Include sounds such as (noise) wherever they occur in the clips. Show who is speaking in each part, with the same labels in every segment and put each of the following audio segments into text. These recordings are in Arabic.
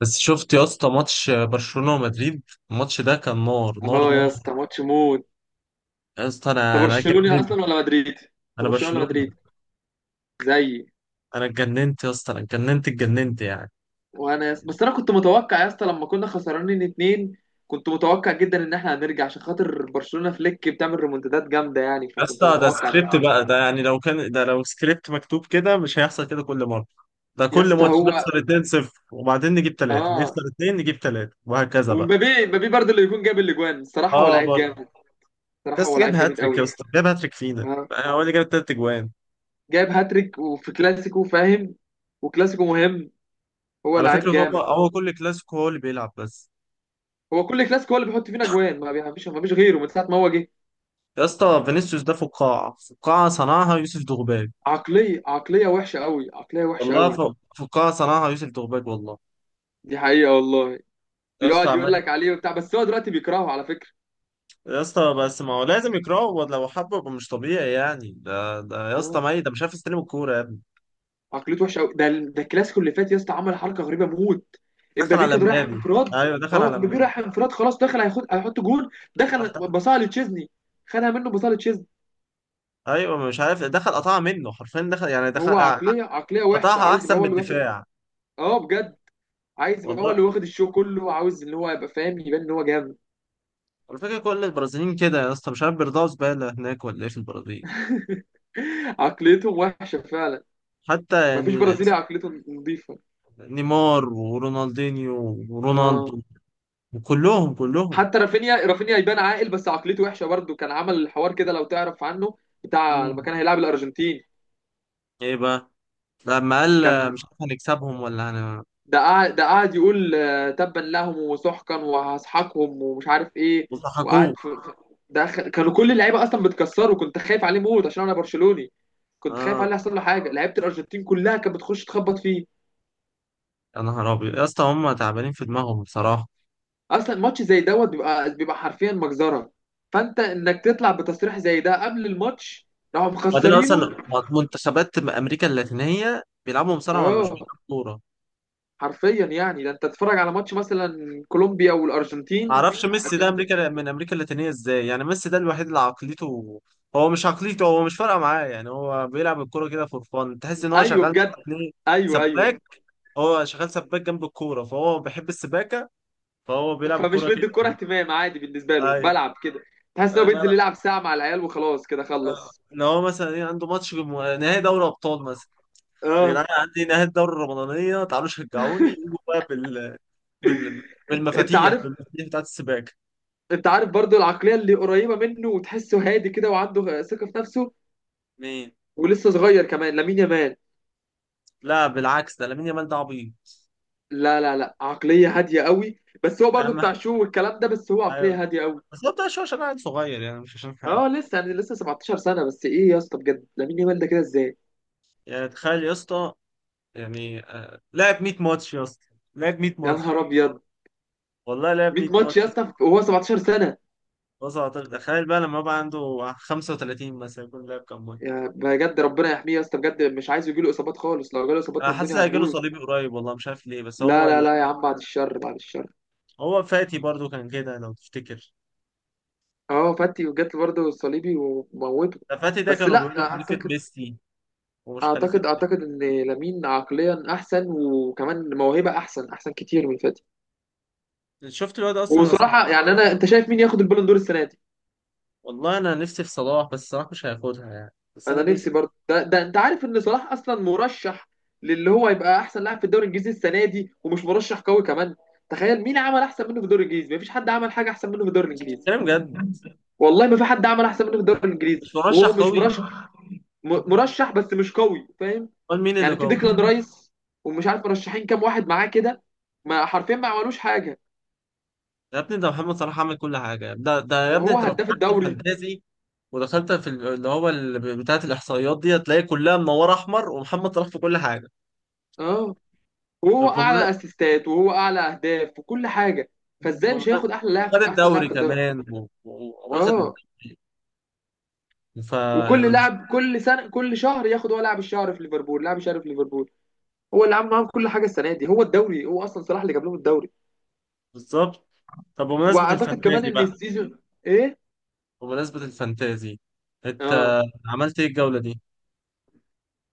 Speaker 1: بس شفت يا اسطى ماتش برشلونة ومدريد. الماتش ده كان نار نار
Speaker 2: اه يا
Speaker 1: نار.
Speaker 2: اسطى ماتش موت.
Speaker 1: يا اسطى
Speaker 2: انت
Speaker 1: انا
Speaker 2: برشلوني
Speaker 1: اتجننت.
Speaker 2: اصلا ولا مدريدي؟ انت
Speaker 1: انا
Speaker 2: برشلوني ولا
Speaker 1: برشلونة.
Speaker 2: مدريدي؟ زيي.
Speaker 1: انا اتجننت يا اسطى، انا اتجننت اتجننت يعني.
Speaker 2: وانا يا اسطى، بس انا كنت متوقع يا اسطى، لما كنا خسرانين اتنين كنت متوقع جدا ان احنا هنرجع عشان خاطر برشلونة. فليك بتعمل ريمونتادات جامده يعني،
Speaker 1: يا
Speaker 2: فكنت
Speaker 1: اسطى ده
Speaker 2: متوقع ده.
Speaker 1: سكريبت بقى، ده يعني لو كان ده لو سكريبت مكتوب كده مش هيحصل كده كل مرة. ده
Speaker 2: يا
Speaker 1: كل
Speaker 2: اسطى
Speaker 1: ماتش
Speaker 2: هو
Speaker 1: نخسر 2-0 وبعدين نجيب 3،
Speaker 2: اه.
Speaker 1: نخسر 2 نجيب 3 وهكذا بقى.
Speaker 2: ومبابي مبابي برضه اللي يكون جاب الاجوان، الصراحه هو
Speaker 1: اه
Speaker 2: لعيب
Speaker 1: برضه.
Speaker 2: جامد. الصراحه هو
Speaker 1: بس جاب
Speaker 2: لعيب جامد
Speaker 1: هاتريك يا
Speaker 2: قوي.
Speaker 1: اسطى، جاب هاتريك فينا،
Speaker 2: آه.
Speaker 1: يعني هو اللي جاب التلات اجوان.
Speaker 2: جايب هاتريك وفي كلاسيكو فاهم، وكلاسيكو مهم. هو
Speaker 1: على
Speaker 2: لعيب
Speaker 1: فكرة هو
Speaker 2: جامد.
Speaker 1: هو كل كلاسيكو هو اللي بيلعب بس.
Speaker 2: هو كل كلاسيكو هو اللي بيحط فينا اجوان، ما بيعملش، ما فيش غيره من ساعه ما هو جه.
Speaker 1: يا اسطى فينيسيوس ده فقاعة، فقاعة صنعها يوسف دغباج
Speaker 2: عقلية وحشة قوي، عقلية وحشة
Speaker 1: والله.
Speaker 2: قوي.
Speaker 1: فقاعة صنعها يوسف دغباج والله.
Speaker 2: دي حقيقة والله.
Speaker 1: يا اسطى
Speaker 2: بيقعد يقول لك
Speaker 1: عمال.
Speaker 2: عليه وبتاع، بس هو دلوقتي بيكرهه على فكرة.
Speaker 1: يا اسطى بس ما هو لازم يكرهه، لو حبه يبقى مش طبيعي يعني. ده يا اسطى
Speaker 2: آه.
Speaker 1: ميت، ده مش عارف يستلم الكورة يا ابني.
Speaker 2: عقليته وحشة قوي. ده الكلاسيكو اللي فات يا اسطى عمل حركة غريبة موت.
Speaker 1: دخل
Speaker 2: امبابي
Speaker 1: على
Speaker 2: كان رايح
Speaker 1: مبابي،
Speaker 2: انفراد.
Speaker 1: ايوه دخل
Speaker 2: اه
Speaker 1: على
Speaker 2: امبابي
Speaker 1: مبابي.
Speaker 2: رايح انفراد خلاص، دخل هياخد هيحط جول، دخل
Speaker 1: راح دخل.
Speaker 2: بصاله لتشيزني. خدها منه بصاله لتشيزني.
Speaker 1: ايوه مش عارف، دخل قطعها منه حرفيا، دخل يعني دخل.
Speaker 2: هو عقلية وحشة،
Speaker 1: قطعها
Speaker 2: عاوز يبقى
Speaker 1: احسن
Speaker 2: هو
Speaker 1: من
Speaker 2: اللي واخد.
Speaker 1: الدفاع
Speaker 2: اه بجد. عايز يبقى هو
Speaker 1: والله.
Speaker 2: اللي واخد الشو كله، عاوز ان هو يبقى فاهم، يبان ان هو جامد.
Speaker 1: الفكرة كل البرازيليين كده يا اسطى، مش عارف بيرضعوا زبالة هناك ولا ايه في البرازيل.
Speaker 2: (laughs) عقليتهم وحشة فعلا.
Speaker 1: حتى
Speaker 2: مفيش
Speaker 1: يعني
Speaker 2: برازيلي عقليته نظيفة.
Speaker 1: نيمار ورونالدينيو
Speaker 2: اه.
Speaker 1: ورونالدو، كلهم كلهم.
Speaker 2: حتى رافينيا يبان عاقل بس عقليته وحشه برضه، كان عمل الحوار كده لو تعرف عنه، بتاع
Speaker 1: مم.
Speaker 2: لما كان هيلاعب الارجنتين.
Speaker 1: ايه بقى؟ لما قال
Speaker 2: كان،
Speaker 1: مش عارف هنكسبهم ولا هن،
Speaker 2: ده قاعد يقول تبا لهم وسحقا وهسحقهم ومش عارف ايه.
Speaker 1: وضحكوه.
Speaker 2: وقعد كانوا كل اللعيبه اصلا بتكسره، كنت خايف عليه موت عشان انا برشلوني. كنت خايف
Speaker 1: اه.
Speaker 2: عليه يحصل له حاجه، لعيبه الارجنتين كلها كانت بتخش تخبط فيه.
Speaker 1: يا نهار ابيض يا اسطى، هم تعبانين في دماغهم بصراحه.
Speaker 2: اصلا ماتش زي دوت بيبقى حرفيا مجزره. فانت انك تطلع بتصريح زي ده قبل الماتش، راحوا
Speaker 1: وبعدين
Speaker 2: مخسرينه.
Speaker 1: اصلا منتخبات امريكا اللاتينيه بيلعبوا مصارعه، مش
Speaker 2: اه
Speaker 1: بيلعبوا كوره.
Speaker 2: حرفيا يعني، ده انت تتفرج على ماتش مثلا كولومبيا
Speaker 1: ما
Speaker 2: والارجنتين.
Speaker 1: اعرفش ميسي ده
Speaker 2: هت-
Speaker 1: امريكا من امريكا اللاتينيه ازاي، يعني ميسي ده الوحيد اللي عقليته، هو مش عقليته، هو مش فارقه معاه يعني، هو بيلعب الكوره كده فور فان، تحس ان هو
Speaker 2: ايوه
Speaker 1: شغال
Speaker 2: بجد. ايوه، ايوه.
Speaker 1: سباك. هو شغال سباك جنب الكوره، فهو بيحب السباكه، فهو بيلعب
Speaker 2: فمش
Speaker 1: الكوره
Speaker 2: مدي الكوره
Speaker 1: كده.
Speaker 2: اهتمام، عادي بالنسبه له،
Speaker 1: أيوه.
Speaker 2: بلعب كده. تحس انه
Speaker 1: آه،
Speaker 2: بينزل
Speaker 1: بقى-
Speaker 2: يلعب ساعه مع العيال وخلاص كده خلص.
Speaker 1: ان هو مثلا ايه، عنده ماتش نهائي دوري ابطال مثلا. يا
Speaker 2: اه.
Speaker 1: جدعان عندي نهائي الدوري الرمضانيه، تعالوا شجعوني، يجوا بقى بال...
Speaker 2: انت
Speaker 1: بالمفاتيح،
Speaker 2: عارف،
Speaker 1: بالمفاتيح بتاعت السباكه.
Speaker 2: انت عارف برضو العقليه اللي قريبه منه وتحسه هادي كده وعنده ثقه في نفسه،
Speaker 1: مين؟
Speaker 2: ولسه صغير كمان، لامين يامال.
Speaker 1: لا بالعكس، ده لامين يامال ده عبيط.
Speaker 2: لا، لا، لا، عقليه هاديه قوي. بس هو
Speaker 1: يا
Speaker 2: برضو بتاع
Speaker 1: عم
Speaker 2: شو والكلام ده، بس هو
Speaker 1: ايوه،
Speaker 2: عقليه هاديه قوي.
Speaker 1: بس هو بتاع شويه عشان قاعد صغير يعني، مش عشان حاجه.
Speaker 2: اه لسه يعني، لسه 17 سنه. بس ايه يا اسطى بجد لامين يامال ده كده ازاي؟
Speaker 1: يعني تخيل يا اسطى، يعني لعب 100 ماتش يا اسطى، لعب 100
Speaker 2: يا
Speaker 1: ماتش.
Speaker 2: نهار ابيض.
Speaker 1: والله لعب
Speaker 2: 100
Speaker 1: 100
Speaker 2: ماتش يا
Speaker 1: ماتش.
Speaker 2: اسطى وهو 17 سنه.
Speaker 1: بص، تخيل بقى لما يبقى عنده 35 مثلا، يكون لعب كام ماتش.
Speaker 2: يا بجد ربنا يحميه يا اسطى بجد، مش عايز يجيله اصابات خالص، لو جاله اصابات
Speaker 1: انا حاسس
Speaker 2: الدنيا
Speaker 1: هيجيله
Speaker 2: هتبوظ.
Speaker 1: صليبي قريب والله، مش عارف ليه، بس
Speaker 2: لا، لا، لا يا عم، بعد الشر، بعد الشر.
Speaker 1: هو فاتي برضو كان كده لو تفتكر.
Speaker 2: اه فاتي، وجات برضه الصليبي وموته.
Speaker 1: ده فاتي ده
Speaker 2: بس
Speaker 1: كانوا
Speaker 2: لا
Speaker 1: بيقولوا خليفة
Speaker 2: اعتقد،
Speaker 1: ميسي، ومش خليفة
Speaker 2: اعتقد، اعتقد لامين عقليا احسن، وكمان موهبه احسن كتير من فاتي.
Speaker 1: ميسي. شفت الواد اصلا الاسمراني.
Speaker 2: وصراحه يعني، انا، انت شايف مين ياخد البالون دور السنه دي؟
Speaker 1: والله انا نفسي في صلاح، بس صلاح مش هياخدها يعني، بس
Speaker 2: انا
Speaker 1: انا نفسي.
Speaker 2: نفسي برضه. ده انت عارف ان صلاح اصلا مرشح للي هو يبقى احسن لاعب في الدوري الانجليزي السنه دي، ومش مرشح قوي كمان. تخيل، مين عمل احسن منه في الدوري الانجليزي؟ مفيش حد عمل حاجه احسن منه في الدوري
Speaker 1: مش
Speaker 2: الانجليزي.
Speaker 1: بتتكلم جد؟
Speaker 2: والله ما في حد عمل احسن منه في الدوري الانجليزي،
Speaker 1: مش
Speaker 2: وهو
Speaker 1: مرشح
Speaker 2: مش
Speaker 1: قوي؟
Speaker 2: مرشح. مرشح بس مش قوي، فاهم.
Speaker 1: امال مين اللي
Speaker 2: يعني في
Speaker 1: قوي؟
Speaker 2: ديكلان رايس، ومش عارف مرشحين كام واحد معاه كده. ما حرفيا ما عملوش حاجه.
Speaker 1: يا ابني ده محمد صلاح عمل كل حاجة. ده يا ابني،
Speaker 2: وهو
Speaker 1: انت لو
Speaker 2: هداف
Speaker 1: فتحت
Speaker 2: الدوري.
Speaker 1: الفانتازي ودخلت في بتاعة الإحصائيات دي، هتلاقي كلها منورة أحمر ومحمد صلاح في كل حاجة.
Speaker 2: اه. وهو
Speaker 1: طب
Speaker 2: اعلى اسيستات، وهو اعلى اهداف، وكل حاجه. فازاي مش هياخد احلى لاعب،
Speaker 1: وخد
Speaker 2: احسن لاعب
Speaker 1: الدوري
Speaker 2: في الدوري؟
Speaker 1: كمان، واخد
Speaker 2: اه.
Speaker 1: الدوري. ف يعني
Speaker 2: وكل
Speaker 1: مش
Speaker 2: لاعب، كل سنه، كل شهر ياخد، هو لاعب الشهر في ليفربول، لاعب الشهر في ليفربول. هو اللي عامل معاهم كل حاجه السنه دي، هو الدوري، هو اصلا صلاح اللي جاب لهم الدوري.
Speaker 1: بالظبط. طب بمناسبة
Speaker 2: واعتقد كمان
Speaker 1: الفانتازي
Speaker 2: ان
Speaker 1: بقى،
Speaker 2: السيزون. ايه؟
Speaker 1: بمناسبة الفانتازي، انت
Speaker 2: اه.
Speaker 1: عملت ايه الجولة دي؟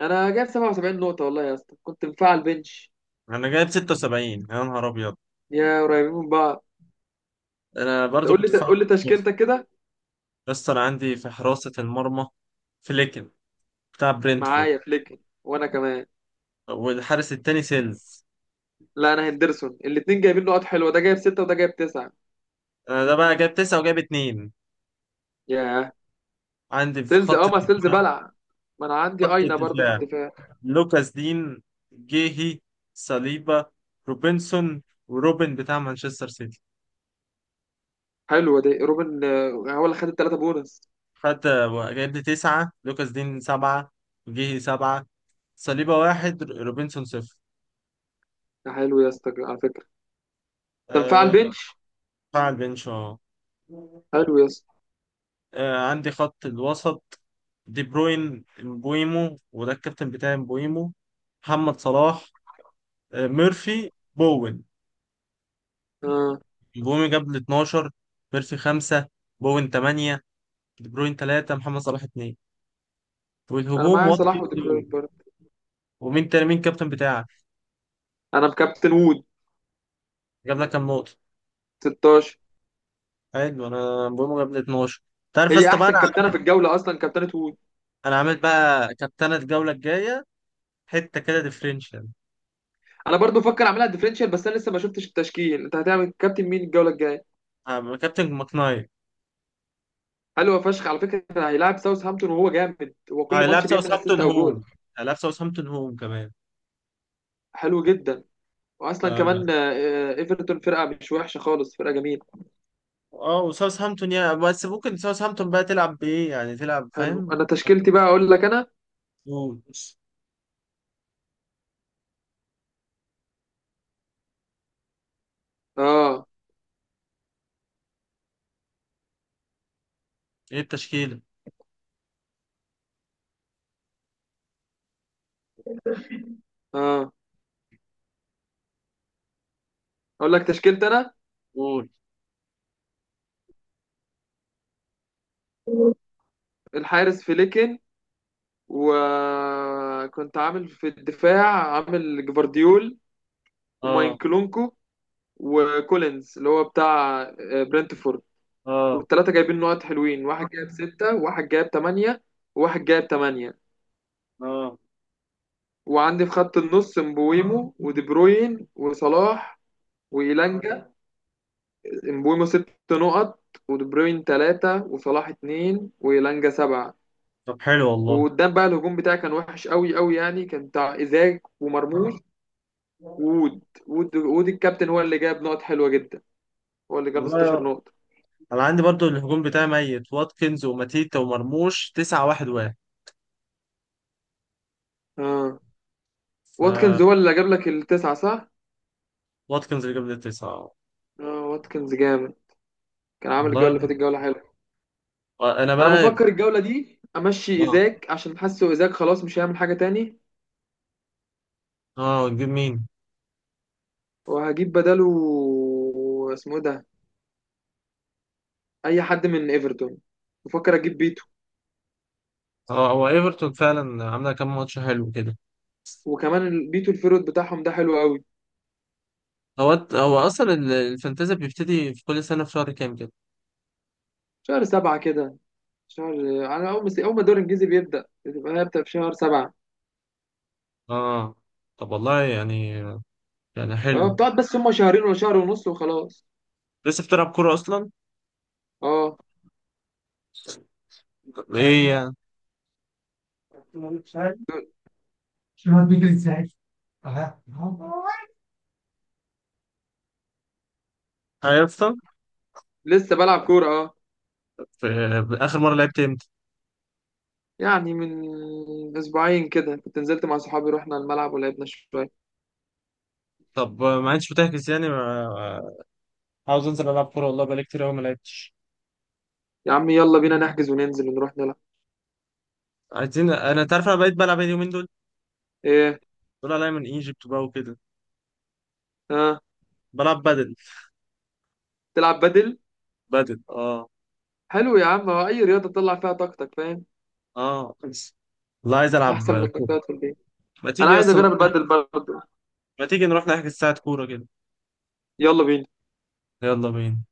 Speaker 2: انا جايب 77 نقطه والله يا اسطى، كنت مفعل بنش.
Speaker 1: انا جايب 76. يا نهار ابيض.
Speaker 2: يا قريبين من بعض.
Speaker 1: انا برضو
Speaker 2: تقول لي،
Speaker 1: كنت فاهم.
Speaker 2: تقول لي تشكيلتك كده.
Speaker 1: بس انا عندي في حراسة المرمى فليكن، بتاع برينتفورد،
Speaker 2: معايا فليك وانا كمان.
Speaker 1: والحارس التاني سيلز.
Speaker 2: لا، انا هندرسون. الاثنين جايبين نقط حلوه، ده جايب سته وده جايب تسعه.
Speaker 1: انا ده بقى جايب تسعة وجايب اتنين.
Speaker 2: ياه.
Speaker 1: عندي في
Speaker 2: سيلز،
Speaker 1: خط،
Speaker 2: اه ما سيلز بلع. ما انا عندي
Speaker 1: خط
Speaker 2: اينا برضه في
Speaker 1: الدفاع،
Speaker 2: الدفاع.
Speaker 1: لوكاس دين، جيهي، صليبا، روبنسون، وروبن بتاع مانشستر سيتي.
Speaker 2: حلوه دي روبن، آه، هو اللي خد الثلاثه بونص.
Speaker 1: خد، جايب لي تسعة، لوكاس دين سبعة، جيهي سبعة، صليبا واحد، روبنسون صفر.
Speaker 2: ده حلو يا اسطى على فكرة، تنفع
Speaker 1: أه،
Speaker 2: البنش.
Speaker 1: دفاع البنش اه.
Speaker 2: حلو يا اسطى.
Speaker 1: عندي خط الوسط، دي بروين، مبويمو، وده الكابتن بتاعي مبويمو، محمد صلاح، ميرفي، بوين.
Speaker 2: آه.
Speaker 1: مبويمو جاب لي 12، ميرفي 5، بوين 8، دي بروين 3، محمد صلاح 2.
Speaker 2: انا
Speaker 1: والهجوم
Speaker 2: معايا صلاح ودي بروين برضه.
Speaker 1: ومين تاني، مين الكابتن بتاعك؟
Speaker 2: انا مكابتن وود.
Speaker 1: جاب لك كام نقطة؟
Speaker 2: 16.
Speaker 1: حلو، انا بقول جاب لي 12. تعرف يا
Speaker 2: هي
Speaker 1: اسطى بقى
Speaker 2: احسن
Speaker 1: انا،
Speaker 2: كابتنه في الجوله اصلا، كابتنه وود.
Speaker 1: انا عامل بقى كابتنة الجولة الجاية حتة كده ديفرنشال.
Speaker 2: انا برضو بفكر اعملها ديفرنشال، بس انا لسه ما شفتش التشكيل. انت هتعمل كابتن مين الجوله الجايه؟
Speaker 1: كابتن ماكناير.
Speaker 2: حلو فشخ على فكره، هيلاعب ساوثهامبتون وهو جامد، هو كل
Speaker 1: هيلعب
Speaker 2: ماتش بيعمل اسيست
Speaker 1: ساوثهامبتون
Speaker 2: او جول.
Speaker 1: هوم، هيلعب ساوثهامبتون هوم كمان.
Speaker 2: حلو جدا. واصلا كمان،
Speaker 1: ف-
Speaker 2: ايفرتون فرقه مش وحشه خالص، فرقه جميله.
Speaker 1: اه وساوثهامبتون يعني، بس ممكن ساوثهامبتون بقى تلعب بايه يعني، تلعب
Speaker 2: حلو.
Speaker 1: فاهم.
Speaker 2: انا تشكيلتي بقى اقول لك انا.
Speaker 1: قول،
Speaker 2: اه،
Speaker 1: ايه التشكيلة؟
Speaker 2: اه. اقول لك تشكيلتي انا.
Speaker 1: قول.
Speaker 2: الحارس فليكن. وكنت عامل في الدفاع، عامل جفارديول،
Speaker 1: اه.
Speaker 2: وماينكلونكو، وكولينز اللي هو بتاع برنتفورد.
Speaker 1: اه.
Speaker 2: والثلاثة جايبين نقط حلوين، واحد جايب ستة وواحد جايب تمانية وواحد جايب تمانية.
Speaker 1: اه.
Speaker 2: وعندي في خط النص مبويمو ودي بروين وصلاح وإيلانجا. مبويمو ست نقط، ودي بروين تلاتة، وصلاح اتنين، وإيلانجا سبعة.
Speaker 1: طب حلو والله.
Speaker 2: وقدام بقى، الهجوم بتاعي كان وحش قوي قوي يعني، كان بتاع إيزاك ومرموش. وود الكابتن هو اللي جاب نقط حلوة جدا، هو اللي جاب 16
Speaker 1: والله
Speaker 2: نقطة.
Speaker 1: انا عندي برضو الهجوم بتاعي ميت، واتكنز وماتيتا ومرموش، تسعة واحد واحد.
Speaker 2: اه
Speaker 1: ف
Speaker 2: واتكنز هو اللي جاب لك التسعة، صح؟
Speaker 1: واتكنز اللي جاب لي التسعة.
Speaker 2: اه واتكنز جامد، كان عامل الجولة اللي فاتت
Speaker 1: والله.
Speaker 2: جولة حلوة.
Speaker 1: انا
Speaker 2: انا
Speaker 1: بقى،
Speaker 2: بفكر الجولة دي امشي
Speaker 1: اه.
Speaker 2: ايزاك، عشان حاسه ايزاك خلاص مش هيعمل حاجة تاني.
Speaker 1: اه تجيب مين؟
Speaker 2: وهجيب بداله. اسمه إيه ده؟ اي حد من ايفرتون. بفكر اجيب بيتو.
Speaker 1: اه هو ايفرتون فعلا عامله كام ماتش حلو كده.
Speaker 2: وكمان بيتو الفيرود بتاعهم ده حلو قوي.
Speaker 1: هو اصلا الفانتازي بيبتدي في كل سنه في شهر كام كده.
Speaker 2: شهر سبعة كده. شهر، على اول ما الدوري الانجليزي بيبدأ، بتبقى هي بتبقى في شهر سبعة.
Speaker 1: اه. طب والله يعني، يعني
Speaker 2: اه
Speaker 1: حلو.
Speaker 2: بتقعد بس، هما شهرين ولا شهر ونص وخلاص.
Speaker 1: لسه بتلعب كوره اصلا؟
Speaker 2: اه
Speaker 1: ايه يعني؟ ايوه يا اسطى.
Speaker 2: لسه بلعب كورة اه.
Speaker 1: اخر مره لعبت امتى؟
Speaker 2: يعني من اسبوعين كده، كنت نزلت مع صحابي، رحنا الملعب ولعبنا شوية.
Speaker 1: طب ما انتش بتحجز يعني ما... عاوز انزل العب كوره والله، بقالي كتير قوي ما لعبتش.
Speaker 2: يا عم يلا بينا نحجز وننزل ونروح نلعب.
Speaker 1: عايزين، انا تعرف انا بقيت بلعب ايه اليومين دول؟
Speaker 2: ايه؟
Speaker 1: دول عليا من ايجيبت بقى وكده.
Speaker 2: ها، آه.
Speaker 1: بلعب بدل.
Speaker 2: تلعب بدل.
Speaker 1: بدل اه.
Speaker 2: حلو يا عم، هو اي رياضة تطلع فيها طاقتك، فاهم.
Speaker 1: اه بس. والله عايز
Speaker 2: احسن من
Speaker 1: العب
Speaker 2: انك
Speaker 1: كوره.
Speaker 2: تقعد في البيت.
Speaker 1: ما
Speaker 2: انا
Speaker 1: تيجي
Speaker 2: عايز
Speaker 1: اصلا؟
Speaker 2: اجرب البدل برضه.
Speaker 1: ما تيجي نروح نحجز ساعه كوره كده؟
Speaker 2: يلا بينا.
Speaker 1: يلا بينا.